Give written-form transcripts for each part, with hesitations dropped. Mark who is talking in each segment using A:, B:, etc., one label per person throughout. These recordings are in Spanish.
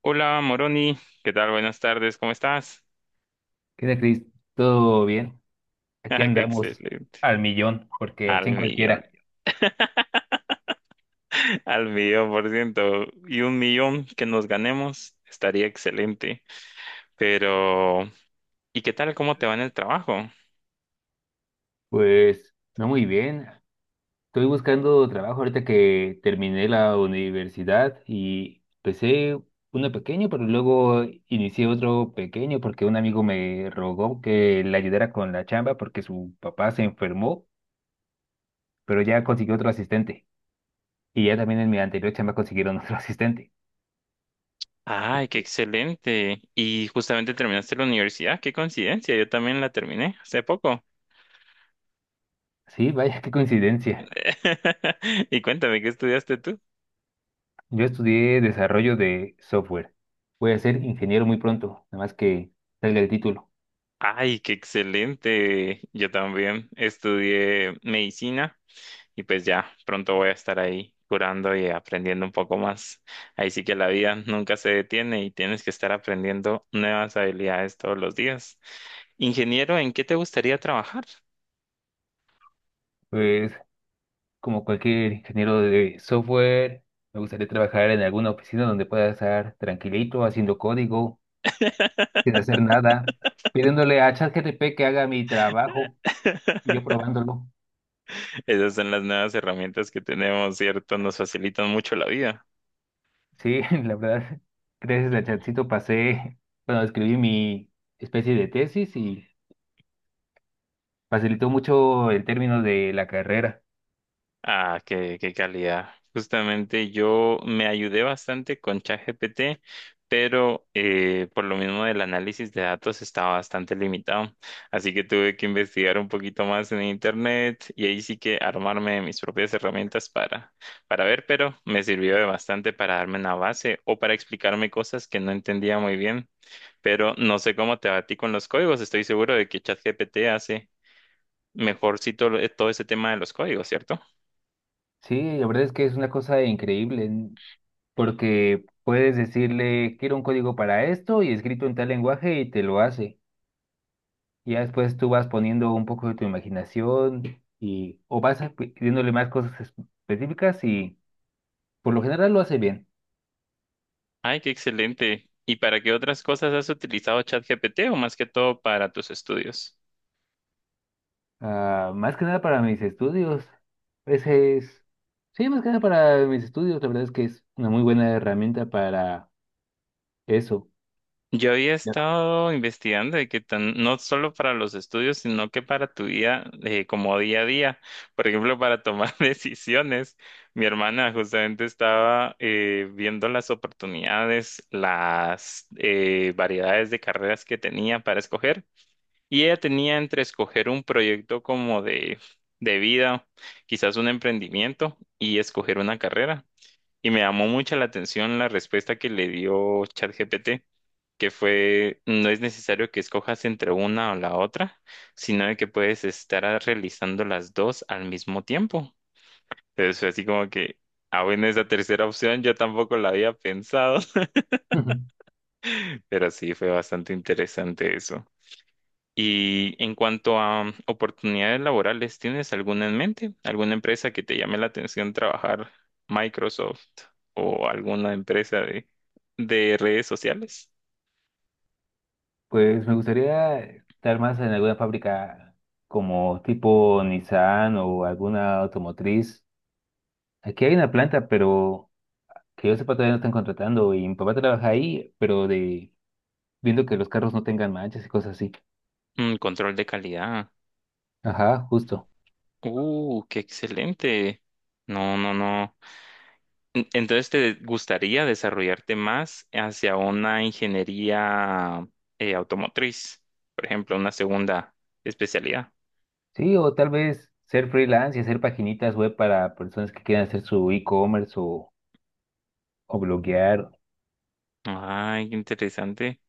A: Hola Moroni, ¿qué tal? Buenas tardes, ¿cómo estás?
B: ¿Qué tal, Cris? ¿Todo bien? Aquí
A: Ah, qué
B: andamos
A: excelente.
B: al millón, porque al
A: Al
B: 100
A: millón,
B: cualquiera.
A: al millón por ciento. Y un millón que nos ganemos estaría excelente. Pero, ¿y qué tal? ¿Cómo te va en el trabajo?
B: Pues no muy bien. Estoy buscando trabajo ahorita que terminé la universidad y empecé uno pequeño, pero luego inicié otro pequeño porque un amigo me rogó que le ayudara con la chamba porque su papá se enfermó, pero ya consiguió otro asistente. Y ya también en mi anterior chamba consiguieron otro asistente.
A: Ay, qué excelente. Y justamente terminaste la universidad, qué coincidencia, yo también la terminé hace poco.
B: Sí, vaya, qué coincidencia.
A: Y cuéntame, ¿qué estudiaste tú?
B: Yo estudié desarrollo de software. Voy a ser ingeniero muy pronto, nada más que salga el título.
A: Ay, qué excelente. Yo también estudié medicina. Y pues ya, pronto voy a estar ahí curando y aprendiendo un poco más. Ahí sí que la vida nunca se detiene y tienes que estar aprendiendo nuevas habilidades todos los días. Ingeniero, ¿en qué te gustaría trabajar?
B: Pues, como cualquier ingeniero de software, me gustaría trabajar en alguna oficina donde pueda estar tranquilito, haciendo código, sin hacer nada, pidiéndole a ChatGPT que haga mi trabajo y yo probándolo.
A: Esas son las nuevas herramientas que tenemos, ¿cierto? Nos facilitan mucho la vida.
B: Sí, la verdad, gracias a Chatcito pasé, bueno, escribí mi especie de tesis y facilitó mucho el término de la carrera.
A: Ah, qué calidad. Justamente yo me ayudé bastante con ChatGPT, pero por lo mismo del análisis de datos estaba bastante limitado. Así que tuve que investigar un poquito más en internet y ahí sí que armarme de mis propias herramientas para ver, pero me sirvió de bastante para darme una base o para explicarme cosas que no entendía muy bien. Pero no sé cómo te va a ti con los códigos. Estoy seguro de que ChatGPT hace mejorcito todo ese tema de los códigos, ¿cierto?
B: Sí, la verdad es que es una cosa increíble, porque puedes decirle, quiero un código para esto y escrito en tal lenguaje y te lo hace. Y ya después tú vas poniendo un poco de tu imaginación y o pidiéndole más cosas específicas y por lo general lo hace bien.
A: Ay, qué excelente. ¿Y para qué otras cosas has utilizado ChatGPT o más que todo para tus estudios?
B: Ah, más que nada para mis estudios. Ese es, sí, más que nada para mis estudios, la verdad es que es una muy buena herramienta para eso.
A: Yo había
B: Ya.
A: estado investigando de que tan- no solo para los estudios, sino que para tu vida como día a día. Por ejemplo, para tomar decisiones. Mi hermana justamente estaba viendo las oportunidades, las variedades de carreras que tenía para escoger. Y ella tenía entre escoger un proyecto como de vida, quizás un emprendimiento, y escoger una carrera. Y me llamó mucho la atención la respuesta que le dio ChatGPT, que fue, no es necesario que escojas entre una o la otra, sino de que puedes estar a- realizando las dos al mismo tiempo. Entonces fue así como que, ah, bueno, esa tercera opción yo tampoco la había pensado, pero sí fue bastante interesante eso. Y en cuanto a oportunidades laborales, ¿tienes alguna en mente? ¿Alguna empresa que te llame la atención trabajar Microsoft o alguna empresa de redes sociales?
B: Pues me gustaría estar más en alguna fábrica como tipo Nissan o alguna automotriz. Aquí hay una planta, pero que yo sepa todavía no están contratando y mi papá trabaja ahí, pero de viendo que los carros no tengan manchas y cosas así.
A: Mm, control de calidad.
B: Ajá, justo.
A: Qué excelente. No, no, no. Entonces, ¿te gustaría desarrollarte más hacia una ingeniería automotriz? Por ejemplo, una segunda especialidad.
B: Sí, o tal vez ser freelance y hacer paginitas web para personas que quieran hacer su e-commerce o bloguear.
A: Ay, qué interesante.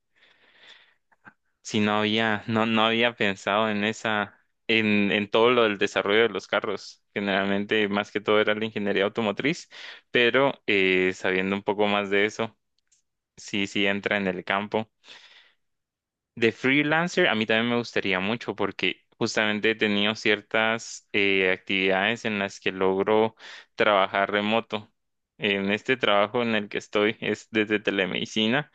A: Si no había, no, no había pensado en en todo lo del desarrollo de los carros. Generalmente, más que todo era la ingeniería automotriz, pero sabiendo un poco más de eso, sí entra en el campo. De freelancer, a mí también me gustaría mucho porque justamente he tenido ciertas actividades en las que logro trabajar remoto. En este trabajo en el que estoy es desde telemedicina.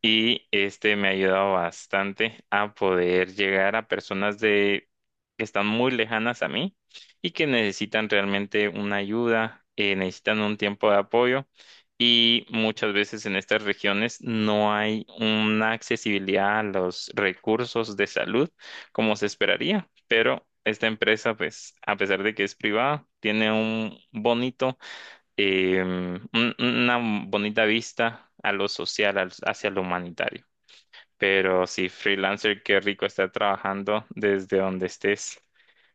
A: Y este me ha ayudado bastante a poder llegar a personas de que están muy lejanas a mí y que necesitan realmente una ayuda, necesitan un tiempo de apoyo. Y muchas veces en estas regiones no hay una accesibilidad a los recursos de salud como se esperaría. Pero esta empresa, pues, a pesar de que es privada, tiene un bonito una bonita vista a lo social, hacia lo humanitario. Pero sí, freelancer, qué rico estar trabajando desde donde estés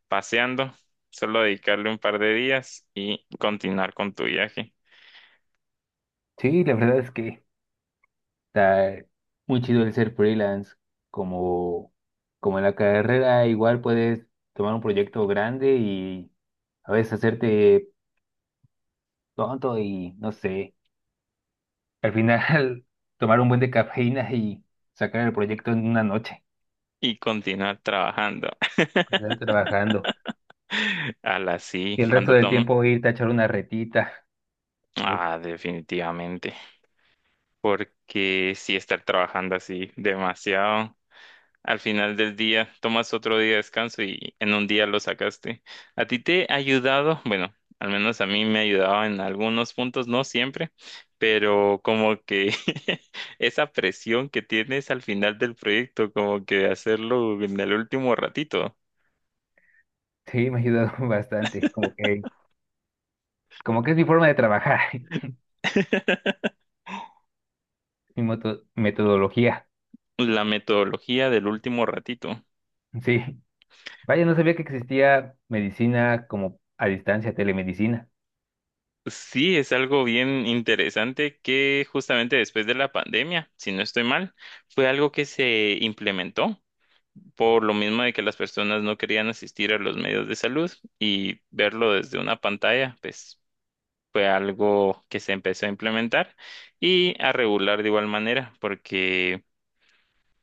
A: paseando. Solo dedicarle un par de días y continuar con tu viaje
B: Sí, la verdad es que está muy chido el ser freelance, como, como en la carrera, igual puedes tomar un proyecto grande y a veces hacerte tonto y no sé, al final tomar un buen de cafeína y sacar el proyecto en una noche,
A: y continuar trabajando.
B: con trabajando.
A: A la
B: Y
A: sí,
B: el resto
A: cuando
B: del
A: tomo.
B: tiempo irte a echar una retita, algo.
A: Ah, definitivamente. Porque sí, estar trabajando así demasiado. Al final del día tomas otro día de descanso y en un día lo sacaste. ¿A ti te ha ayudado? Bueno, al menos a mí me ha ayudado en algunos puntos, no siempre, pero como que esa presión que tienes al final del proyecto, como que hacerlo en el último ratito.
B: Sí, me ha ayudado bastante, como que es mi forma de trabajar, mi metodología,
A: La metodología del último ratito.
B: sí. Vaya, no sabía que existía medicina como a distancia, telemedicina.
A: Sí, es algo bien interesante que justamente después de la pandemia, si no estoy mal, fue algo que se implementó. Por lo mismo de que las personas no querían asistir a los medios de salud y verlo desde una pantalla, pues fue algo que se empezó a implementar y a regular de igual manera, porque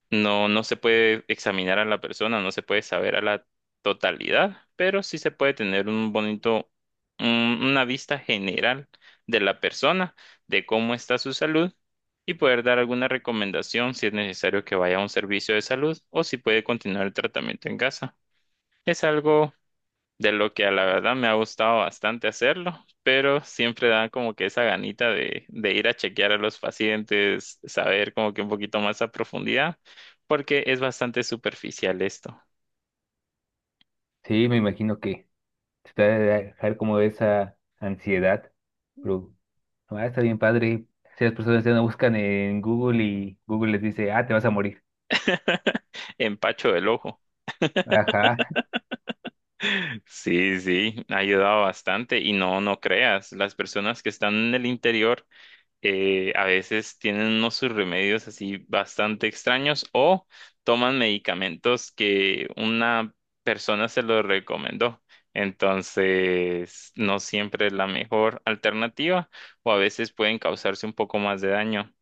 A: no, no se puede examinar a la persona, no se puede saber a la totalidad, pero sí se puede tener un bonito, un- una vista general de la persona, de cómo está su salud y poder dar alguna recomendación si es necesario que vaya a un servicio de salud o si puede continuar el tratamiento en casa. Es algo de lo que a la verdad me ha gustado bastante hacerlo, pero siempre da como que esa ganita de ir a chequear a los pacientes, saber como que un poquito más a profundidad, porque es bastante superficial esto.
B: Sí, me imagino que te va a dejar como esa ansiedad, pero no, ah, está bien padre. Si las personas ya no buscan en Google y Google les dice, ah, te vas a morir.
A: Empacho del ojo.
B: Ajá,
A: Sí, sí, ha ayudado bastante y no, no creas, las personas que están en el interior a veces tienen unos sus remedios así bastante extraños o toman medicamentos que una persona se los recomendó. Entonces, no siempre es la mejor alternativa o a veces pueden causarse un poco más de daño.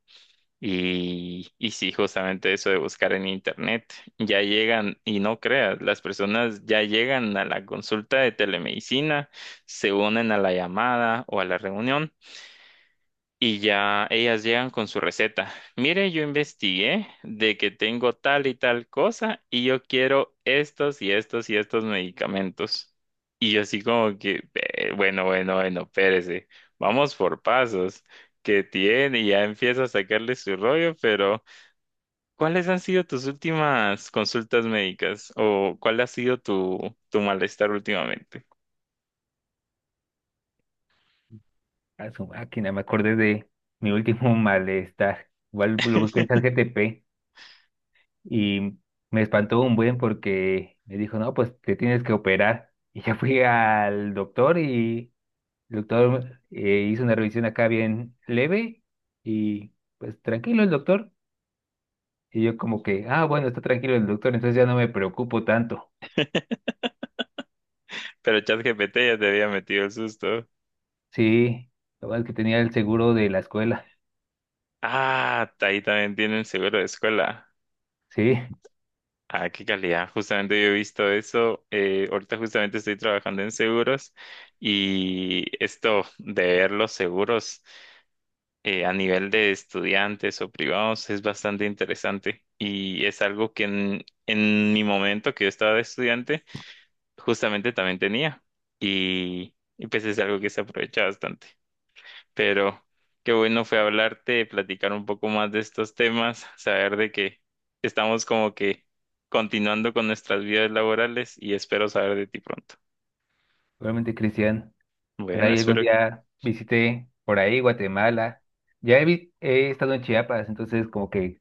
A: Y sí, justamente eso de buscar en internet, ya llegan, y no creas, las personas ya llegan a la consulta de telemedicina, se unen a la llamada o a la reunión y ya ellas llegan con su receta. Mire, yo investigué de que tengo tal y tal cosa y yo quiero estos y estos y estos medicamentos. Y yo así como que, bueno, bueno, bueno, espérese, vamos por pasos. Que tiene? Y ya empieza a sacarle su rollo, pero ¿cuáles han sido tus últimas consultas médicas? ¿O cuál ha sido tu malestar últimamente?
B: a su máquina, me acordé de mi último malestar. Igual lo busqué en ChatGPT y me espantó un buen porque me dijo, no, pues te tienes que operar. Y ya fui al doctor y el doctor hizo una revisión acá bien leve y pues tranquilo el doctor. Y yo como que, ah, bueno, está tranquilo el doctor, entonces ya no me preocupo tanto.
A: Pero ChatGPT ya te había metido el susto.
B: Sí, lo bueno es que tenía el seguro de la escuela.
A: Ah, ahí también tienen seguro de escuela.
B: Sí,
A: Ah, qué calidad. Justamente yo he visto eso. Eh, ahorita justamente estoy trabajando en seguros y esto de ver los seguros a nivel de estudiantes o privados es bastante interesante y es algo que en mi momento que yo estaba de estudiante justamente también tenía y pues es algo que se aprovecha bastante, pero qué bueno fue hablarte, platicar un poco más de estos temas, saber de que estamos como que continuando con nuestras vidas laborales y espero saber de ti pronto.
B: realmente Cristian. Ojalá
A: Bueno,
B: y algún
A: espero
B: día visité por ahí Guatemala. Ya he, he estado en Chiapas, entonces como que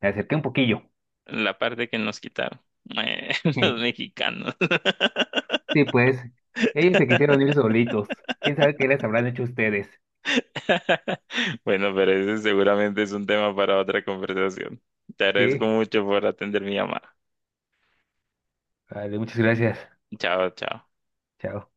B: me acerqué un poquillo.
A: la parte que nos quitaron, eh, los mexicanos.
B: Sí, pues, ellos se quisieron ir solitos. ¿Quién sabe qué les habrán hecho ustedes?
A: Bueno, pero ese seguramente es un tema para otra conversación. Te
B: Sí,
A: agradezco mucho por atender mi llamada.
B: vale, muchas gracias.
A: Chao, chao.
B: Chao.